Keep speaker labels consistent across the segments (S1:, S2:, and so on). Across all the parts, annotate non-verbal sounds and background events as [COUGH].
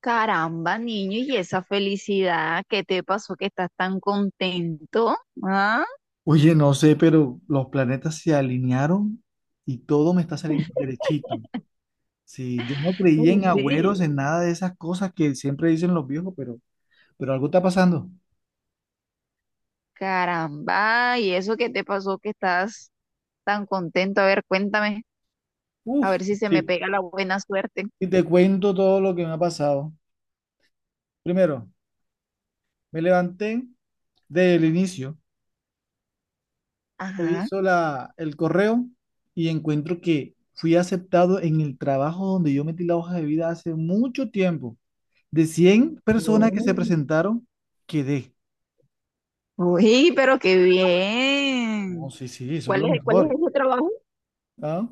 S1: Caramba, niño, y esa felicidad, ¿qué te pasó que estás tan contento? ¿Ah?
S2: Oye, no sé, pero los planetas se alinearon y todo me está saliendo derechito. Sí, yo no creía en agüeros,
S1: Sí.
S2: en nada de esas cosas que siempre dicen los viejos, pero algo está pasando.
S1: Caramba, ¿y eso qué te pasó que estás tan contento? A ver, cuéntame, a
S2: Uf,
S1: ver si se me
S2: sí.
S1: pega la buena suerte.
S2: Y te cuento todo lo que me ha pasado. Primero, me levanté del inicio,
S1: Ajá.
S2: reviso el correo y encuentro que fui aceptado en el trabajo donde yo metí la hoja de vida hace mucho tiempo. De 100 personas que se
S1: Oh.
S2: presentaron, quedé.
S1: Uy, pero qué
S2: No,
S1: bien.
S2: sí, sí, eso es
S1: ¿Cuál
S2: lo
S1: es, cuál es
S2: mejor.
S1: ese trabajo?
S2: ¿Ah?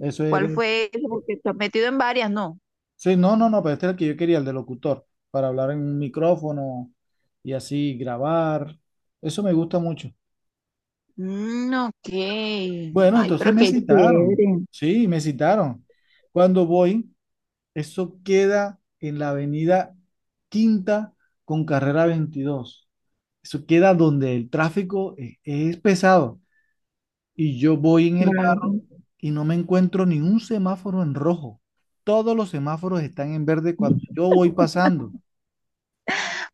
S2: Eso
S1: ¿Cuál
S2: era.
S1: fue ese? Porque estás metido en varias, ¿no?
S2: Sí, no, no, no, pero este es el que yo quería, el de locutor, para hablar en un micrófono y así grabar. Eso me gusta mucho.
S1: Mm, ok.
S2: Bueno,
S1: Ay,
S2: entonces
S1: pero
S2: me
S1: qué
S2: citaron.
S1: chévere.
S2: Sí, me citaron. Cuando voy, eso queda en la avenida Quinta con carrera 22. Eso queda donde el tráfico es pesado. Y yo voy en el
S1: Claro.
S2: y No me encuentro ni un semáforo en rojo. Todos los semáforos están en verde cuando yo voy pasando.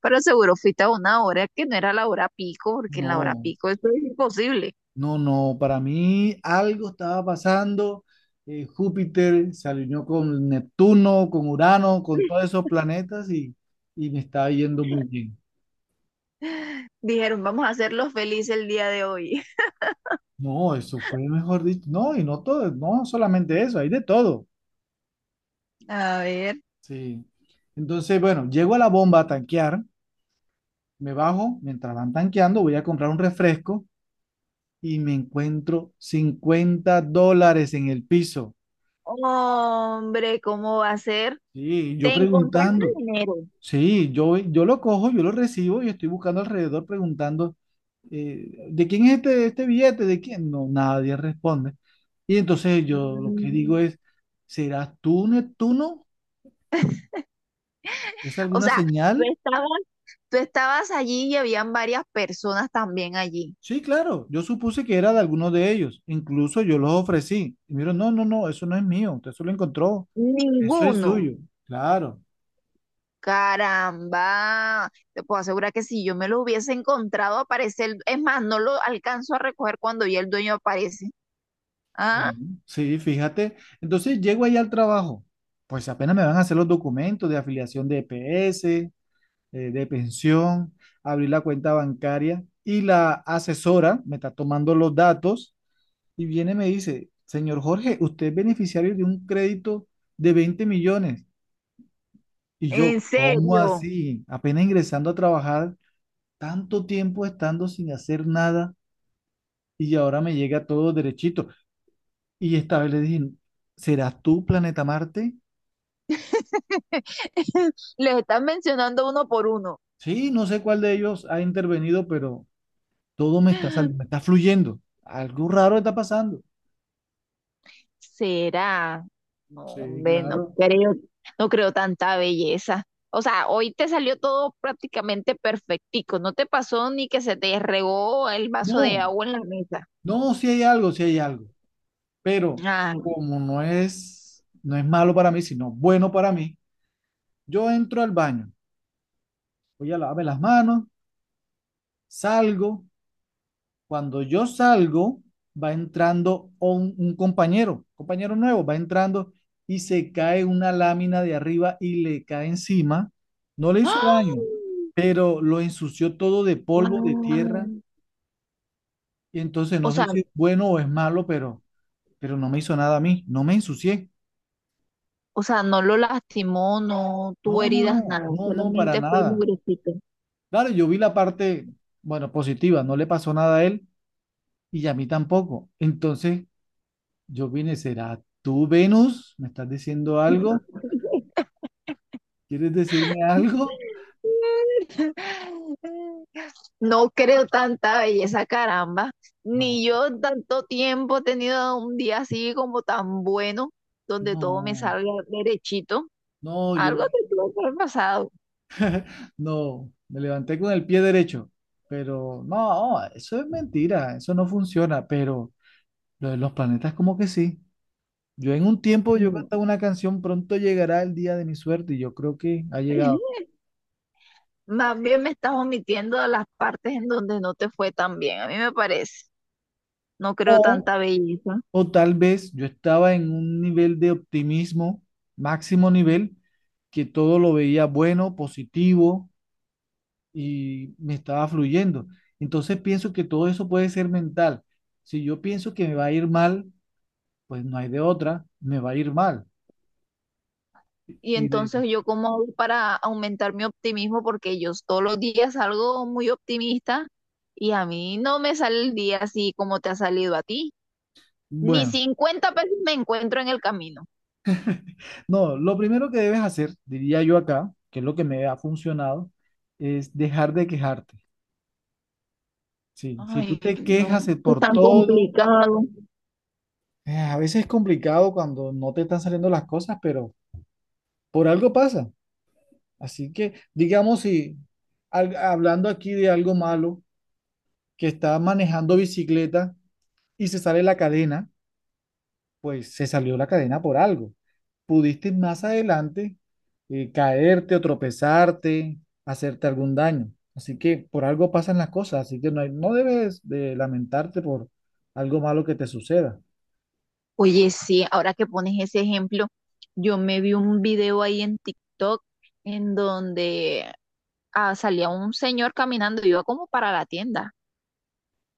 S1: Pero seguro fuiste a una hora que no era la hora pico, porque en la hora
S2: No,
S1: pico esto es imposible.
S2: no, no. Para mí algo estaba pasando. Júpiter se alineó con Neptuno, con Urano, con todos esos planetas y me estaba yendo muy bien.
S1: Dijeron, vamos a hacerlos felices el día de hoy. [LAUGHS]
S2: No, eso fue mejor dicho. No, y no todo, no solamente eso, hay de todo.
S1: A ver.
S2: Sí. Entonces, bueno, llego a la bomba a tanquear, me bajo, mientras van tanqueando, voy a comprar un refresco y me encuentro $50 en el piso.
S1: Hombre, ¿cómo va a ser?
S2: Sí, yo
S1: Te encontraste
S2: preguntando.
S1: en enero.
S2: Sí, yo lo cojo, yo lo recibo y estoy buscando alrededor preguntando, ¿de quién es este billete? ¿De quién? No, nadie responde. Y entonces yo lo que digo
S1: Mm.
S2: es, ¿serás tú, Neptuno? ¿Es
S1: O
S2: alguna
S1: sea, tú
S2: señal?
S1: estabas, tú estabas allí y habían varias personas también allí.
S2: Sí, claro, yo supuse que era de alguno de ellos. Incluso yo los ofrecí. Y miro, no, no, no, eso no es mío. Usted se lo encontró. Eso es
S1: Ninguno.
S2: suyo. Claro.
S1: Caramba, te puedo asegurar que si yo me lo hubiese encontrado, aparece el... Es más, no lo alcanzo a recoger cuando ya el dueño aparece. Ah.
S2: Ujú. Sí, fíjate. Entonces llego ahí al trabajo. Pues apenas me van a hacer los documentos de afiliación de EPS, de pensión, abrir la cuenta bancaria y la asesora me está tomando los datos y viene y me dice, señor Jorge, usted es beneficiario de un crédito de 20 millones. Y yo,
S1: En
S2: ¿cómo
S1: serio.
S2: así? Apenas ingresando a trabajar, tanto tiempo estando sin hacer nada y ahora me llega todo derechito. Y esta vez le dije, ¿serás tú, Planeta Marte?
S1: [LAUGHS] Les están mencionando uno por uno.
S2: Sí, no sé cuál de ellos ha intervenido, pero todo me está, me está fluyendo. Algo raro está pasando.
S1: ¿Será? No,
S2: Sí,
S1: hombre, no
S2: claro.
S1: creo, no creo tanta belleza. O sea, hoy te salió todo prácticamente perfectico. No te pasó ni que se te regó el vaso de
S2: No,
S1: agua en la mesa.
S2: no, si hay algo, si hay algo. Pero
S1: Ay.
S2: como no es, no es malo para mí, sino bueno para mí, yo entro al baño, voy a lavarme las manos, salgo. Cuando yo salgo, va entrando un compañero nuevo, va entrando y se cae una lámina de arriba y le cae encima. No le hizo daño,
S1: ¡Ah!
S2: pero lo ensució todo de polvo, de tierra.
S1: Ay.
S2: Y entonces
S1: O
S2: no
S1: sea,
S2: sé si es bueno o es malo, pero no me hizo nada a mí, no me ensucié.
S1: o sea, no lo lastimó, no
S2: No,
S1: tuvo
S2: no, no,
S1: heridas, nada.
S2: no, no, para
S1: Solamente fue
S2: nada.
S1: mugrecito.
S2: Claro, yo vi la parte, bueno, positiva, no le pasó nada a él y a mí tampoco. Entonces, yo vine, ¿será tú, Venus? ¿Me estás diciendo algo? ¿Quieres decirme algo?
S1: No creo tanta belleza, caramba.
S2: No,
S1: Ni yo en tanto tiempo he tenido un día así como tan bueno, donde todo me
S2: no,
S1: salga derechito.
S2: no,
S1: Algo
S2: yo
S1: te tuvo que haber pasado.
S2: no. Me levanté con el pie derecho, pero no, eso es mentira, eso no funciona, pero lo de los planetas como que sí. Yo en un tiempo, yo
S1: Mm.
S2: cantaba una canción, pronto llegará el día de mi suerte y yo creo que ha llegado.
S1: [LAUGHS] Más bien me estás omitiendo las partes en donde no te fue tan bien, a mí me parece. No creo
S2: O,
S1: tanta belleza.
S2: o tal vez yo estaba en un nivel de optimismo, máximo nivel, que todo lo veía bueno, positivo y me estaba fluyendo. Entonces pienso que todo eso puede ser mental. Si yo pienso que me va a ir mal, pues no hay de otra, me va a ir mal.
S1: Y
S2: Y de-
S1: entonces yo cómo hago para aumentar mi optimismo, porque yo todos los días salgo muy optimista y a mí no me sale el día así como te ha salido a ti. Ni
S2: bueno,
S1: 50 pesos me encuentro en el camino.
S2: no, lo primero que debes hacer, diría yo acá, que es lo que me ha funcionado, es dejar de quejarte. Sí, si
S1: Ay,
S2: tú te
S1: no,
S2: quejas de
S1: es
S2: por
S1: tan
S2: todo,
S1: complicado.
S2: a veces es complicado cuando no te están saliendo las cosas, pero por algo pasa. Así que, digamos, si hablando aquí de algo malo, que está manejando bicicleta y se sale la cadena, pues se salió la cadena por algo. Pudiste más adelante caerte o tropezarte, hacerte algún daño. Así que por algo pasan las cosas, así que no, no debes de lamentarte por algo malo que te suceda.
S1: Oye, sí, ahora que pones ese ejemplo, yo me vi un video ahí en TikTok en donde salía un señor caminando, iba como para la tienda,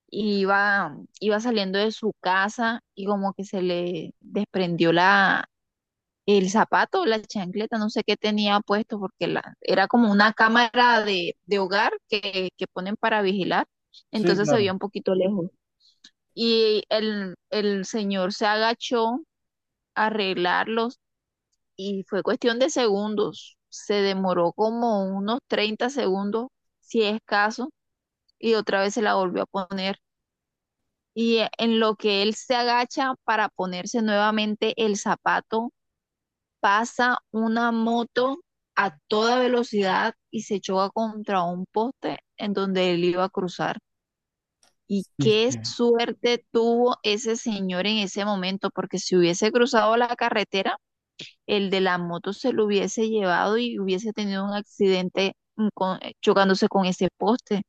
S1: y iba saliendo de su casa y como que se le desprendió el zapato, la chancleta, no sé qué tenía puesto, porque era como una cámara de hogar que ponen para vigilar,
S2: Sí,
S1: entonces se veía
S2: claro,
S1: un poquito lejos. Y el señor se agachó a arreglarlos y fue cuestión de segundos, se demoró como unos 30 segundos, si es caso, y otra vez se la volvió a poner. Y en lo que él se agacha para ponerse nuevamente el zapato, pasa una moto a toda velocidad y se choca contra un poste en donde él iba a cruzar. Y qué
S2: viste.
S1: suerte tuvo ese señor en ese momento, porque si hubiese cruzado la carretera, el de la moto se lo hubiese llevado y hubiese tenido un accidente, chocándose con ese poste.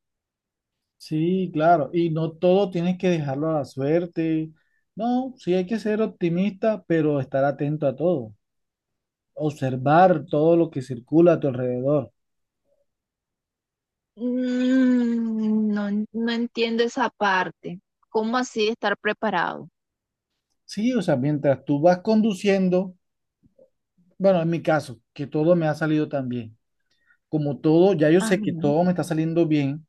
S2: Sí, claro, y no todo tienes que dejarlo a la suerte. No, sí hay que ser optimista, pero estar atento a todo, observar todo lo que circula a tu alrededor.
S1: Mm, no, no entiendo esa parte. ¿Cómo así estar preparado?
S2: Sí, o sea, mientras tú vas conduciendo, bueno, en mi caso, que todo me ha salido tan bien, como todo, ya yo
S1: Ajá,
S2: sé que todo me está saliendo bien,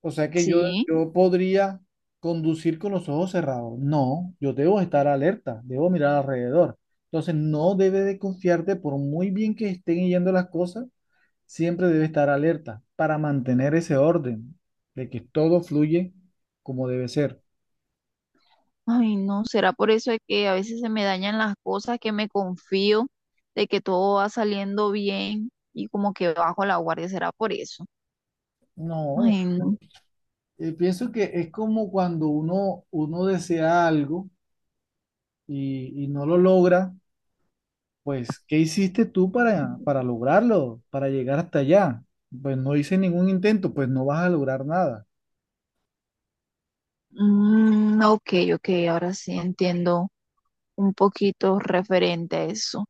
S2: o sea que yo,
S1: sí.
S2: yo podría conducir con los ojos cerrados. No, yo debo estar alerta, debo mirar alrededor. Entonces, no debe de confiarte por muy bien que estén yendo las cosas, siempre debe estar alerta para mantener ese orden de que todo fluye como debe ser.
S1: Ay, no, será por eso de que a veces se me dañan las cosas, que me confío de que todo va saliendo bien y como que bajo la guardia, será por eso.
S2: No,
S1: Ay, no.
S2: Pienso que es como cuando uno desea algo y no lo logra, pues, ¿qué hiciste tú para lograrlo, para llegar hasta allá? Pues no hice ningún intento, pues no vas a lograr nada,
S1: Mm, ok, ok, ahora sí entiendo un poquito referente a eso.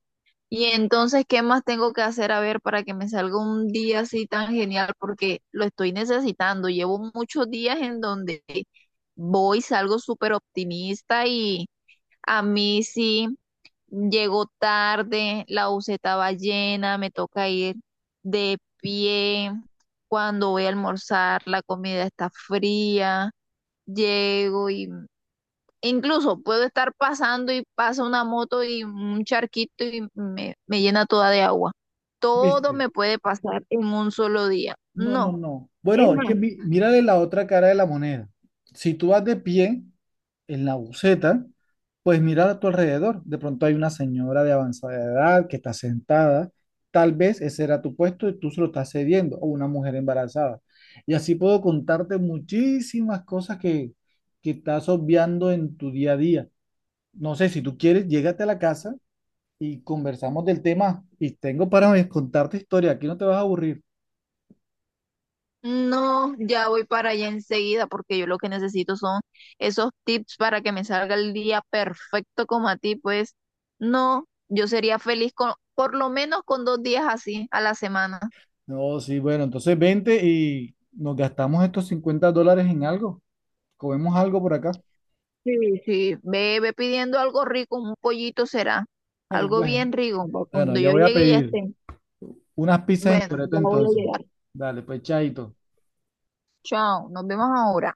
S1: Y entonces, ¿qué más tengo que hacer a ver para que me salga un día así tan genial? Porque lo estoy necesitando. Llevo muchos días en donde voy, salgo súper optimista y a mí sí. Llego tarde, la buseta va llena, me toca ir de pie. Cuando voy a almorzar, la comida está fría. Llego y incluso puedo estar pasando y pasa una moto y un charquito y me llena toda de agua. Todo
S2: ¿viste?
S1: me puede pasar en un solo día.
S2: No, no,
S1: No.
S2: no.
S1: Es
S2: Bueno, es que
S1: más.
S2: mírale la otra cara de la moneda. Si tú vas de pie, en la buceta, pues mirar a tu alrededor. De pronto hay una señora de avanzada edad que está sentada. Tal vez ese era tu puesto y tú se lo estás cediendo, o una mujer embarazada. Y así puedo contarte muchísimas cosas que estás obviando en tu día a día. No sé, si tú quieres, llégate a la casa y conversamos del tema. Y tengo para contarte historia, aquí no te vas a aburrir.
S1: No, ya voy para allá enseguida porque yo lo que necesito son esos tips para que me salga el día perfecto como a ti, pues no, yo sería feliz con por lo menos con 2 días así a la semana.
S2: No, sí, bueno, entonces vente y nos gastamos estos $50 en algo. Comemos algo por acá.
S1: Sí, sí, ve, ve pidiendo algo rico, un pollito será,
S2: [LAUGHS]
S1: algo
S2: Bueno.
S1: bien rico, para
S2: Bueno,
S1: cuando yo
S2: yo voy a
S1: llegue ya
S2: pedir
S1: esté.
S2: unas pizzas en
S1: Bueno,
S2: Toreto
S1: ya voy a
S2: entonces.
S1: llegar.
S2: Dale, pues chaito.
S1: Chao, nos vemos ahora.